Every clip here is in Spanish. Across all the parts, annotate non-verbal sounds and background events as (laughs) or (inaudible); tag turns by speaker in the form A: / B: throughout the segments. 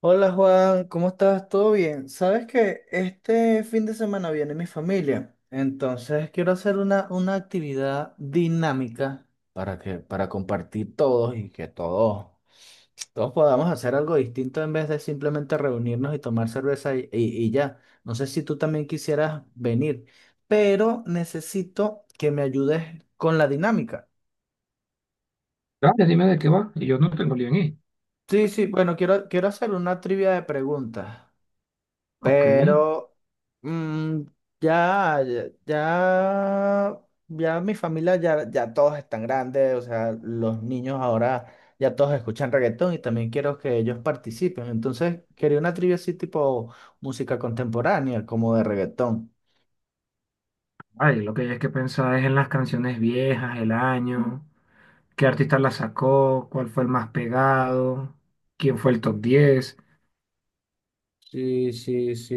A: Hola Juan, ¿cómo estás? ¿Todo bien? Sabes que este fin de semana viene mi familia, entonces quiero hacer una actividad dinámica para que, para compartir todos y que todos, todos podamos hacer algo distinto en vez de simplemente reunirnos y tomar cerveza y ya. No sé si tú también quisieras venir, pero necesito que me ayudes con la dinámica.
B: Dale, dime de qué va. Y yo no tengo lío en ir.
A: Sí, sí, bueno, quiero hacer una trivia de preguntas.
B: Ok.
A: Pero mm, ya, ya, ya, ya mi familia, ya, ya todos están grandes, o sea, los niños ahora ya todos escuchan reggaetón y también quiero que ellos participen. Entonces, quería una trivia así tipo música contemporánea, como de reggaetón.
B: Ay, lo que hay es que pensar es en las canciones viejas, el año, qué artista la sacó, cuál fue el más pegado, quién fue el top 10.
A: Sí, sí, sí.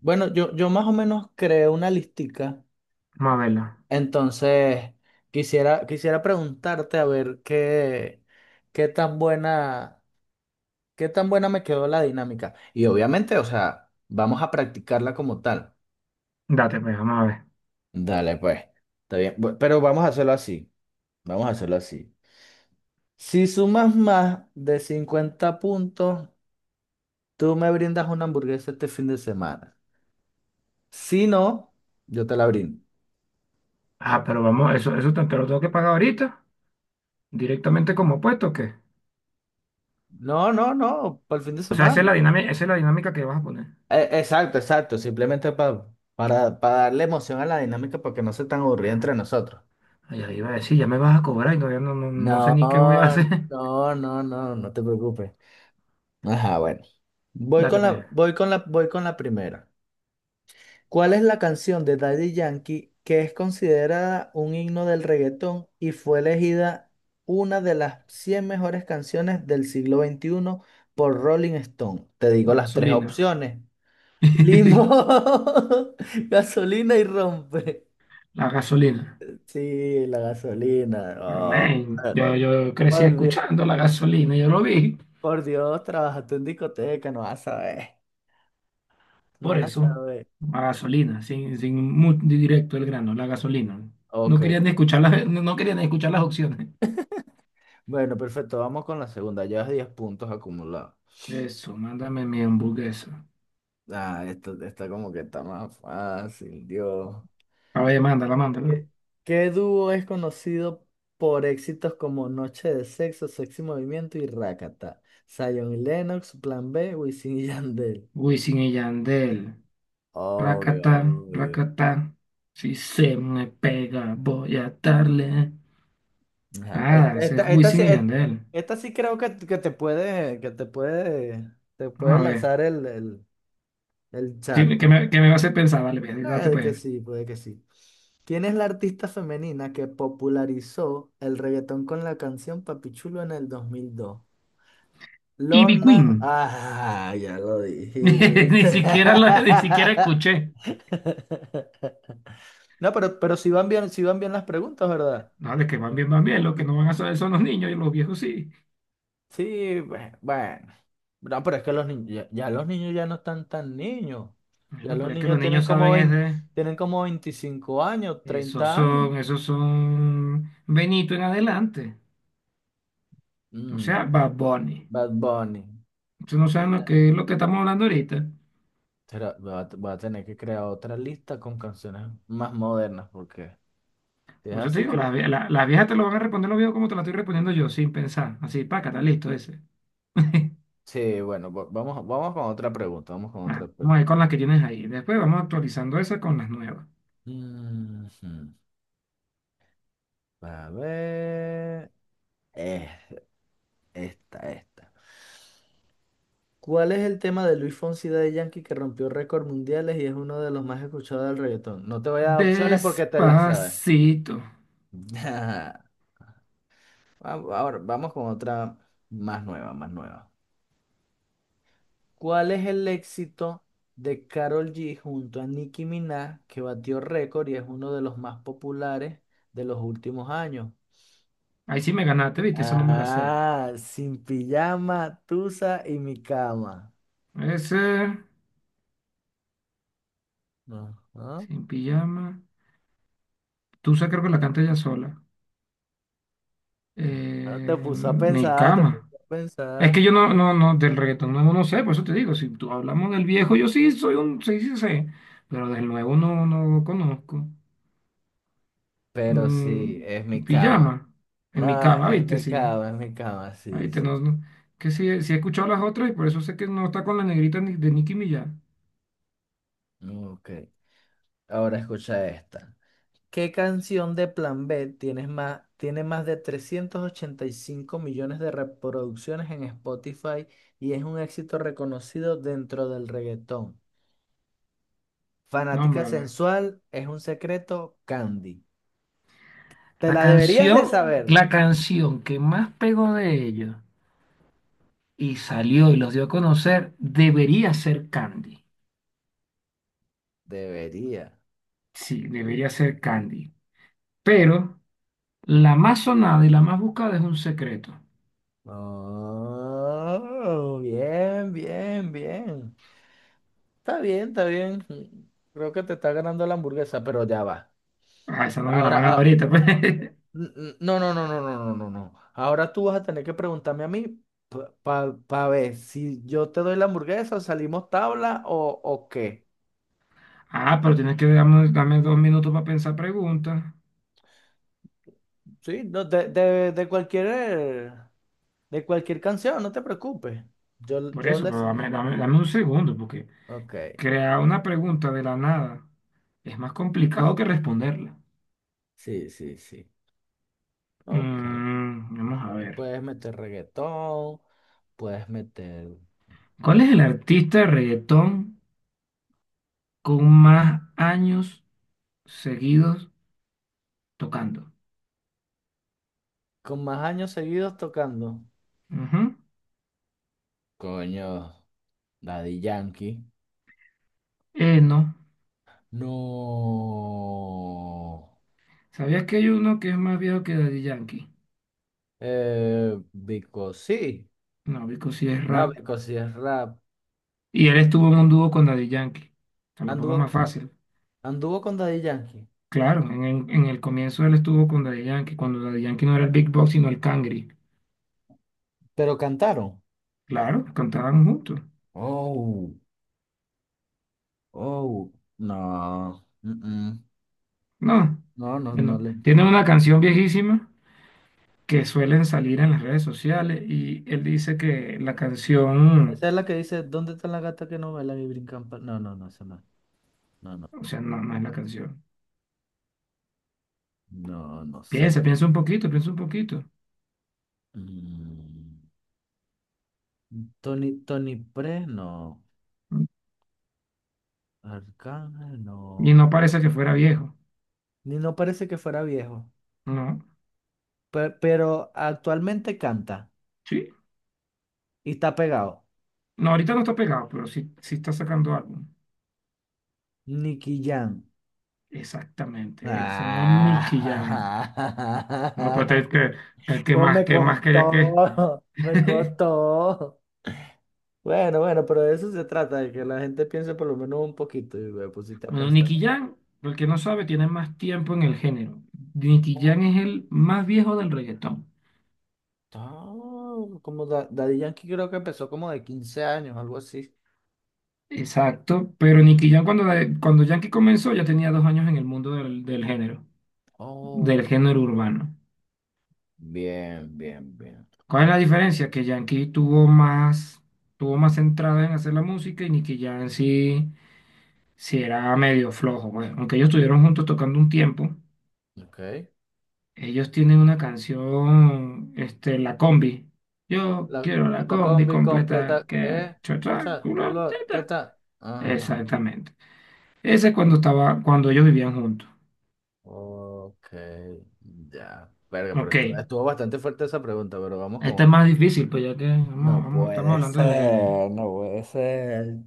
A: Bueno, yo más o menos creé una listica,
B: Vamos a verla.
A: entonces quisiera preguntarte a ver qué, qué tan buena... ¿Qué tan buena me quedó la dinámica? Y obviamente, o sea, vamos a practicarla como tal.
B: Date, pues, vamos a ver.
A: Dale, pues. Está bien. Pero vamos a hacerlo así. Vamos a hacerlo así. Si sumas más de 50 puntos, tú me brindas una hamburguesa este fin de semana. Si no, yo te la brindo.
B: Ah, pero vamos, eso te lo tengo que pagar ahorita, directamente como puesto, ¿o qué?
A: No, no, no, para el fin de
B: O sea,
A: semana.
B: esa es la dinámica que vas a poner.
A: Exacto, exacto. Simplemente para darle emoción a la dinámica para que no sea tan aburrida entre nosotros.
B: Ay, ahí iba a decir, ya me vas a cobrar y todavía no, no, no sé
A: No,
B: ni qué voy a hacer.
A: no, no, no, no te preocupes. Ajá, bueno.
B: (laughs) Date, pues.
A: Voy con la primera. ¿Cuál es la canción de Daddy Yankee que es considerada un himno del reggaetón y fue elegida una de las 100 mejores canciones del siglo veintiuno por Rolling Stone? Te digo
B: La
A: las tres
B: gasolina.
A: opciones.
B: (laughs)
A: Limón, (laughs) gasolina y rompe.
B: La gasolina.
A: Sí, la gasolina. No.
B: Amén. Yo crecí
A: Por Dios,
B: escuchando la gasolina, yo lo vi,
A: por Dios, trabajaste en discoteca, no vas a saber. No
B: por
A: vas a
B: eso,
A: saber.
B: la gasolina, sin directo el grano, la gasolina.
A: Ok,
B: No querían ni escuchar las opciones.
A: bueno, perfecto, vamos con la segunda. Llevas 10 puntos acumulados.
B: Eso, mándame mi hamburguesa.
A: Ah, esto está como que está más fácil, Dios.
B: A ver, mándala, mándala.
A: ¿Qué, ¿qué dúo es conocido por éxitos como Noche de Sexo, Sexy Movimiento y Rakata? Zion y Lennox, Plan B, Wisin y Yandel.
B: Wisin y Yandel,
A: Obvio,
B: racatán,
A: obvio.
B: racatán. Si se me pega, voy a darle.
A: Ajá,
B: Nada, ese es
A: Esta,
B: Wisin y Yandel.
A: esta sí creo que, te puede
B: Vamos a ver.
A: lanzar el
B: Sí, que
A: charco.
B: me, que me va a hacer pensar, dale, ve, date
A: Puede que
B: pues.
A: sí, puede que sí. ¿Quién es la artista femenina que popularizó el reggaetón con la canción Papichulo en el dos mil dos?
B: Ivy
A: Lorna.
B: Queen.
A: Ah, ya lo
B: (laughs)
A: dijiste.
B: Ni siquiera escuché.
A: (laughs) No, pero si van bien, si van bien las preguntas, ¿verdad?
B: No, de que van bien, van bien. Lo que no van a saber son los niños y los viejos sí.
A: Sí, bueno. No, pero es que los niños, ya, ya los niños ya no están tan niños. Ya
B: Bueno,
A: los
B: pero es que
A: niños
B: los
A: tienen
B: niños
A: como
B: saben es
A: 20
B: de-
A: tienen como 25 años, treinta años.
B: Esos son Benito en adelante. O
A: Mm,
B: sea, Bad Bunny.
A: Bad Bunny.
B: Ustedes no saben lo que es lo que estamos hablando ahorita.
A: Voy a, voy a tener que crear otra lista con canciones más modernas, porque si es
B: Por eso te
A: así,
B: digo, las, vie- la- las viejas te lo van a responder los viejos como te la estoy respondiendo yo, sin pensar. Así, paca, está listo ese.
A: sí, bueno, vamos, vamos con otra pregunta, vamos con otra
B: Ajá,
A: pregunta.
B: vamos a ir con las que tienes ahí. Después vamos actualizando esa con las nuevas.
A: Ujú. A ver, eh, esta, esta. ¿Cuál es el tema de Luis Fonsi de Yankee que rompió récords mundiales y es uno de los más escuchados del reggaetón? No te voy a dar opciones porque te las sabes.
B: Despacito.
A: (laughs) Va- Ahora vamos con otra más nueva, más nueva. ¿Cuál es el éxito de Karol G junto a Nicki Minaj que batió récord y es uno de los más populares de los últimos años?
B: Ahí sí me ganaste, ¿viste? Eso no me la sé.
A: Ah, sin pijama, tusa y mi cama.
B: Puede ser.
A: Ajá.
B: Sin pijama. Tusa creo que la canta ella sola.
A: Ah, te puso a
B: Mi
A: pensar, te
B: cama.
A: puso a
B: Es que
A: pensar.
B: yo no, no, no, del reggaetón nuevo no sé, por eso te digo, si tú hablamos del viejo, yo sí soy sí, sí sé, pero del nuevo no, no conozco.
A: Pero sí, es mi
B: Tu
A: cama.
B: pijama, en mi
A: No,
B: cama, viste, sí,
A: es mi cama,
B: ah,
A: sí,
B: viste, no,
A: sí.
B: no, que sí, sí he escuchado las otras y por eso sé que no está con la negrita ni- de Nicki Minaj,
A: Ok. Ahora escucha esta. ¿Qué canción de Plan B tiene más de 385 millones de reproducciones en Spotify y es un éxito reconocido dentro del reggaetón? Fanática
B: nómbrala.
A: sensual, es un secreto, Candy. ¿Te la deberías de saber?
B: La canción que más pegó de ellos y salió y los dio a conocer, debería ser Candy.
A: Debería.
B: Sí, debería ser Candy. Pero la más sonada y la más buscada es un secreto.
A: Oh, bien, bien, bien. Está bien, está bien. Creo que te está ganando la hamburguesa, pero ya va.
B: Ah, esa no me la
A: Ahora,
B: van a dar
A: ah,
B: ahorita, pues.
A: ah,
B: (laughs)
A: no, no, no, no, no, no, no, no. Ahora tú vas a tener que preguntarme a mí para ver si yo te doy la hamburguesa, salimos tabla o qué.
B: Ah, pero tienes que darme, dame 2 minutos para pensar preguntas.
A: Sí, no, de cualquier canción, no te preocupes. Yo,
B: Por
A: yo
B: eso, pero
A: les...
B: dame un segundo, porque
A: Ok,
B: crear una pregunta de la nada es más complicado que responderla.
A: sí, sí, sí. Ok.
B: Vamos a ver.
A: Puedes meter reggaetón, puedes meter...
B: ¿Cuál es
A: eh,
B: el artista de reggaetón con más años seguidos tocando?
A: con más años seguidos tocando.
B: Ujú.
A: Coño, Daddy Yankee.
B: No.
A: No.
B: ¿Sabías que hay uno que es más viejo que Daddy Yankee?
A: Vico, sí.
B: No, Vico sí es
A: No,
B: rap.
A: Vico, sí es rap.
B: Y él estuvo en un dúo con Daddy Yankee. Te la pongo
A: Anduvo,
B: más fácil.
A: anduvo con Daddy Yankee.
B: Claro, en el comienzo él estuvo con Daddy Yankee, cuando Daddy Yankee no era el Big Boss, sino el Cangri.
A: Pero cantaron.
B: Claro, cantaban juntos.
A: Oh, oh. No. Mm-mm.
B: No.
A: No, no, no
B: Bueno,
A: le.
B: tiene
A: No.
B: una canción viejísima que suelen salir en las redes sociales y él dice que la canción,
A: Esa es la que dice, ¿dónde está la gata que no baila y brincan? No, no, no, esa no. No, no.
B: o sea, no, no es la canción.
A: No, no sé.
B: Piensa, piensa un poquito, piensa un poquito.
A: Mm. Tony, Tony Pre, no. Arcángel,
B: Y
A: no.
B: no parece que fuera viejo.
A: Ni no parece que fuera viejo.
B: No.
A: Pero, actualmente canta
B: Sí,
A: y está pegado.
B: no, ahorita no está pegado, pero sí, sí está sacando álbum.
A: Nicky Jam.
B: Exactamente, el señor Nicky Jam. No me puede
A: Ah,
B: creer que, el
A: (laughs) ¿Cómo me
B: que más quería que.
A: costó? (laughs) Me
B: (laughs)
A: costó. Bueno, bueno, pero de eso se trata, de que la gente piense por lo menos un poquito y me pusiste a
B: Bueno,
A: pensar.
B: Nicky Jam, el que no sabe, tiene más tiempo en el género. Nicky
A: Oh,
B: Jam es el más viejo del reggaetón.
A: oh, Daddy Yankee creo que empezó como de 15 años, algo así.
B: Exacto, pero Nicky Jam cuando, cuando Yankee comenzó ya tenía 2 años en el mundo del del
A: Oh,
B: género urbano.
A: bien, bien, bien.
B: ¿Cuál es la
A: Ajá,
B: diferencia? Que Yankee tuvo más centrada en hacer la música y Nicky Jam sí. Sí, era medio flojo, güey. Aunque ellos estuvieron juntos tocando un tiempo,
A: ok.
B: ellos tienen una canción, este, La Combi. Yo
A: La,
B: quiero la
A: la
B: combi
A: combi
B: completa
A: completa,
B: que
A: ¿eh?
B: cha,
A: O
B: cha,
A: sea,
B: culo,
A: culo,
B: teta.
A: teta. Ajá.
B: Exactamente. Ese es cuando estaba, cuando ellos vivían juntos.
A: Ok, ya. Verga, pero
B: Ok.
A: estuvo bastante fuerte esa pregunta, pero vamos con
B: Esta es
A: otra.
B: más difícil, pues ya que
A: No
B: estamos
A: puede
B: hablando del género.
A: ser, no puede ser.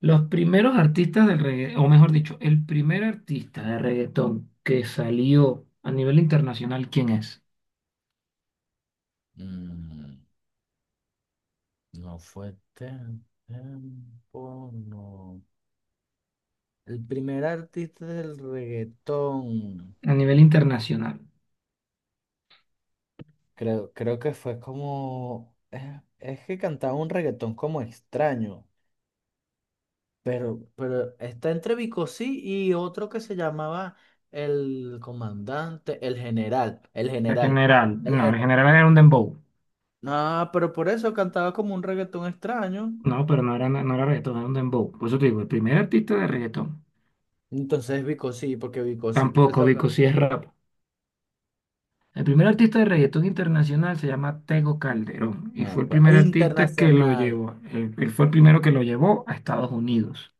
B: Los primeros artistas del reggaetón, o mejor dicho, el primer artista de reggaetón que salió a nivel internacional, ¿quién es?
A: Mm, no fue tiempo, no. El primer artista del reggaetón.
B: A nivel internacional.
A: Creo, creo que fue como... es que cantaba un reggaetón como extraño. Pero está entre Bicosí y otro que se llamaba el comandante,
B: En general,
A: el
B: no, en
A: general.
B: general era un dembow.
A: Ah, pero por eso cantaba como un reggaetón extraño.
B: No, pero no era, no era reggaetón, era un dembow. Por eso te digo, el primer artista de reggaetón.
A: Entonces Bicosí, porque Bicosí
B: Tampoco, Vico, si es rap. El primer artista de reggaetón internacional se llama Tego Calderón y
A: No,
B: fue el
A: pues,
B: primer artista que lo
A: internacional.
B: llevó. Él fue el primero que lo llevó a Estados Unidos.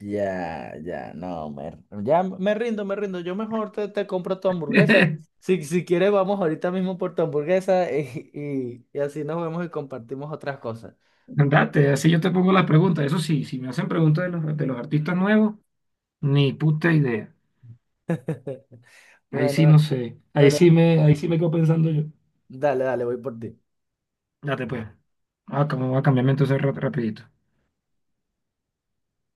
A: Ya, ya, no, me, ya me rindo, me rindo. Yo mejor te compro tu hamburguesa.
B: (laughs)
A: Si, si quieres, vamos ahorita mismo por tu hamburguesa (laughs) y así nos vemos y compartimos otras cosas.
B: Andate, así yo te pongo las preguntas. Eso sí, si me hacen preguntas de los artistas nuevos, ni puta idea.
A: (laughs)
B: Ahí sí
A: Bueno.
B: no sé.
A: Bueno,
B: Ahí sí me quedo pensando yo.
A: dale, dale, voy por ti.
B: Date pues. Ah, como voy a cambiarme entonces rapidito.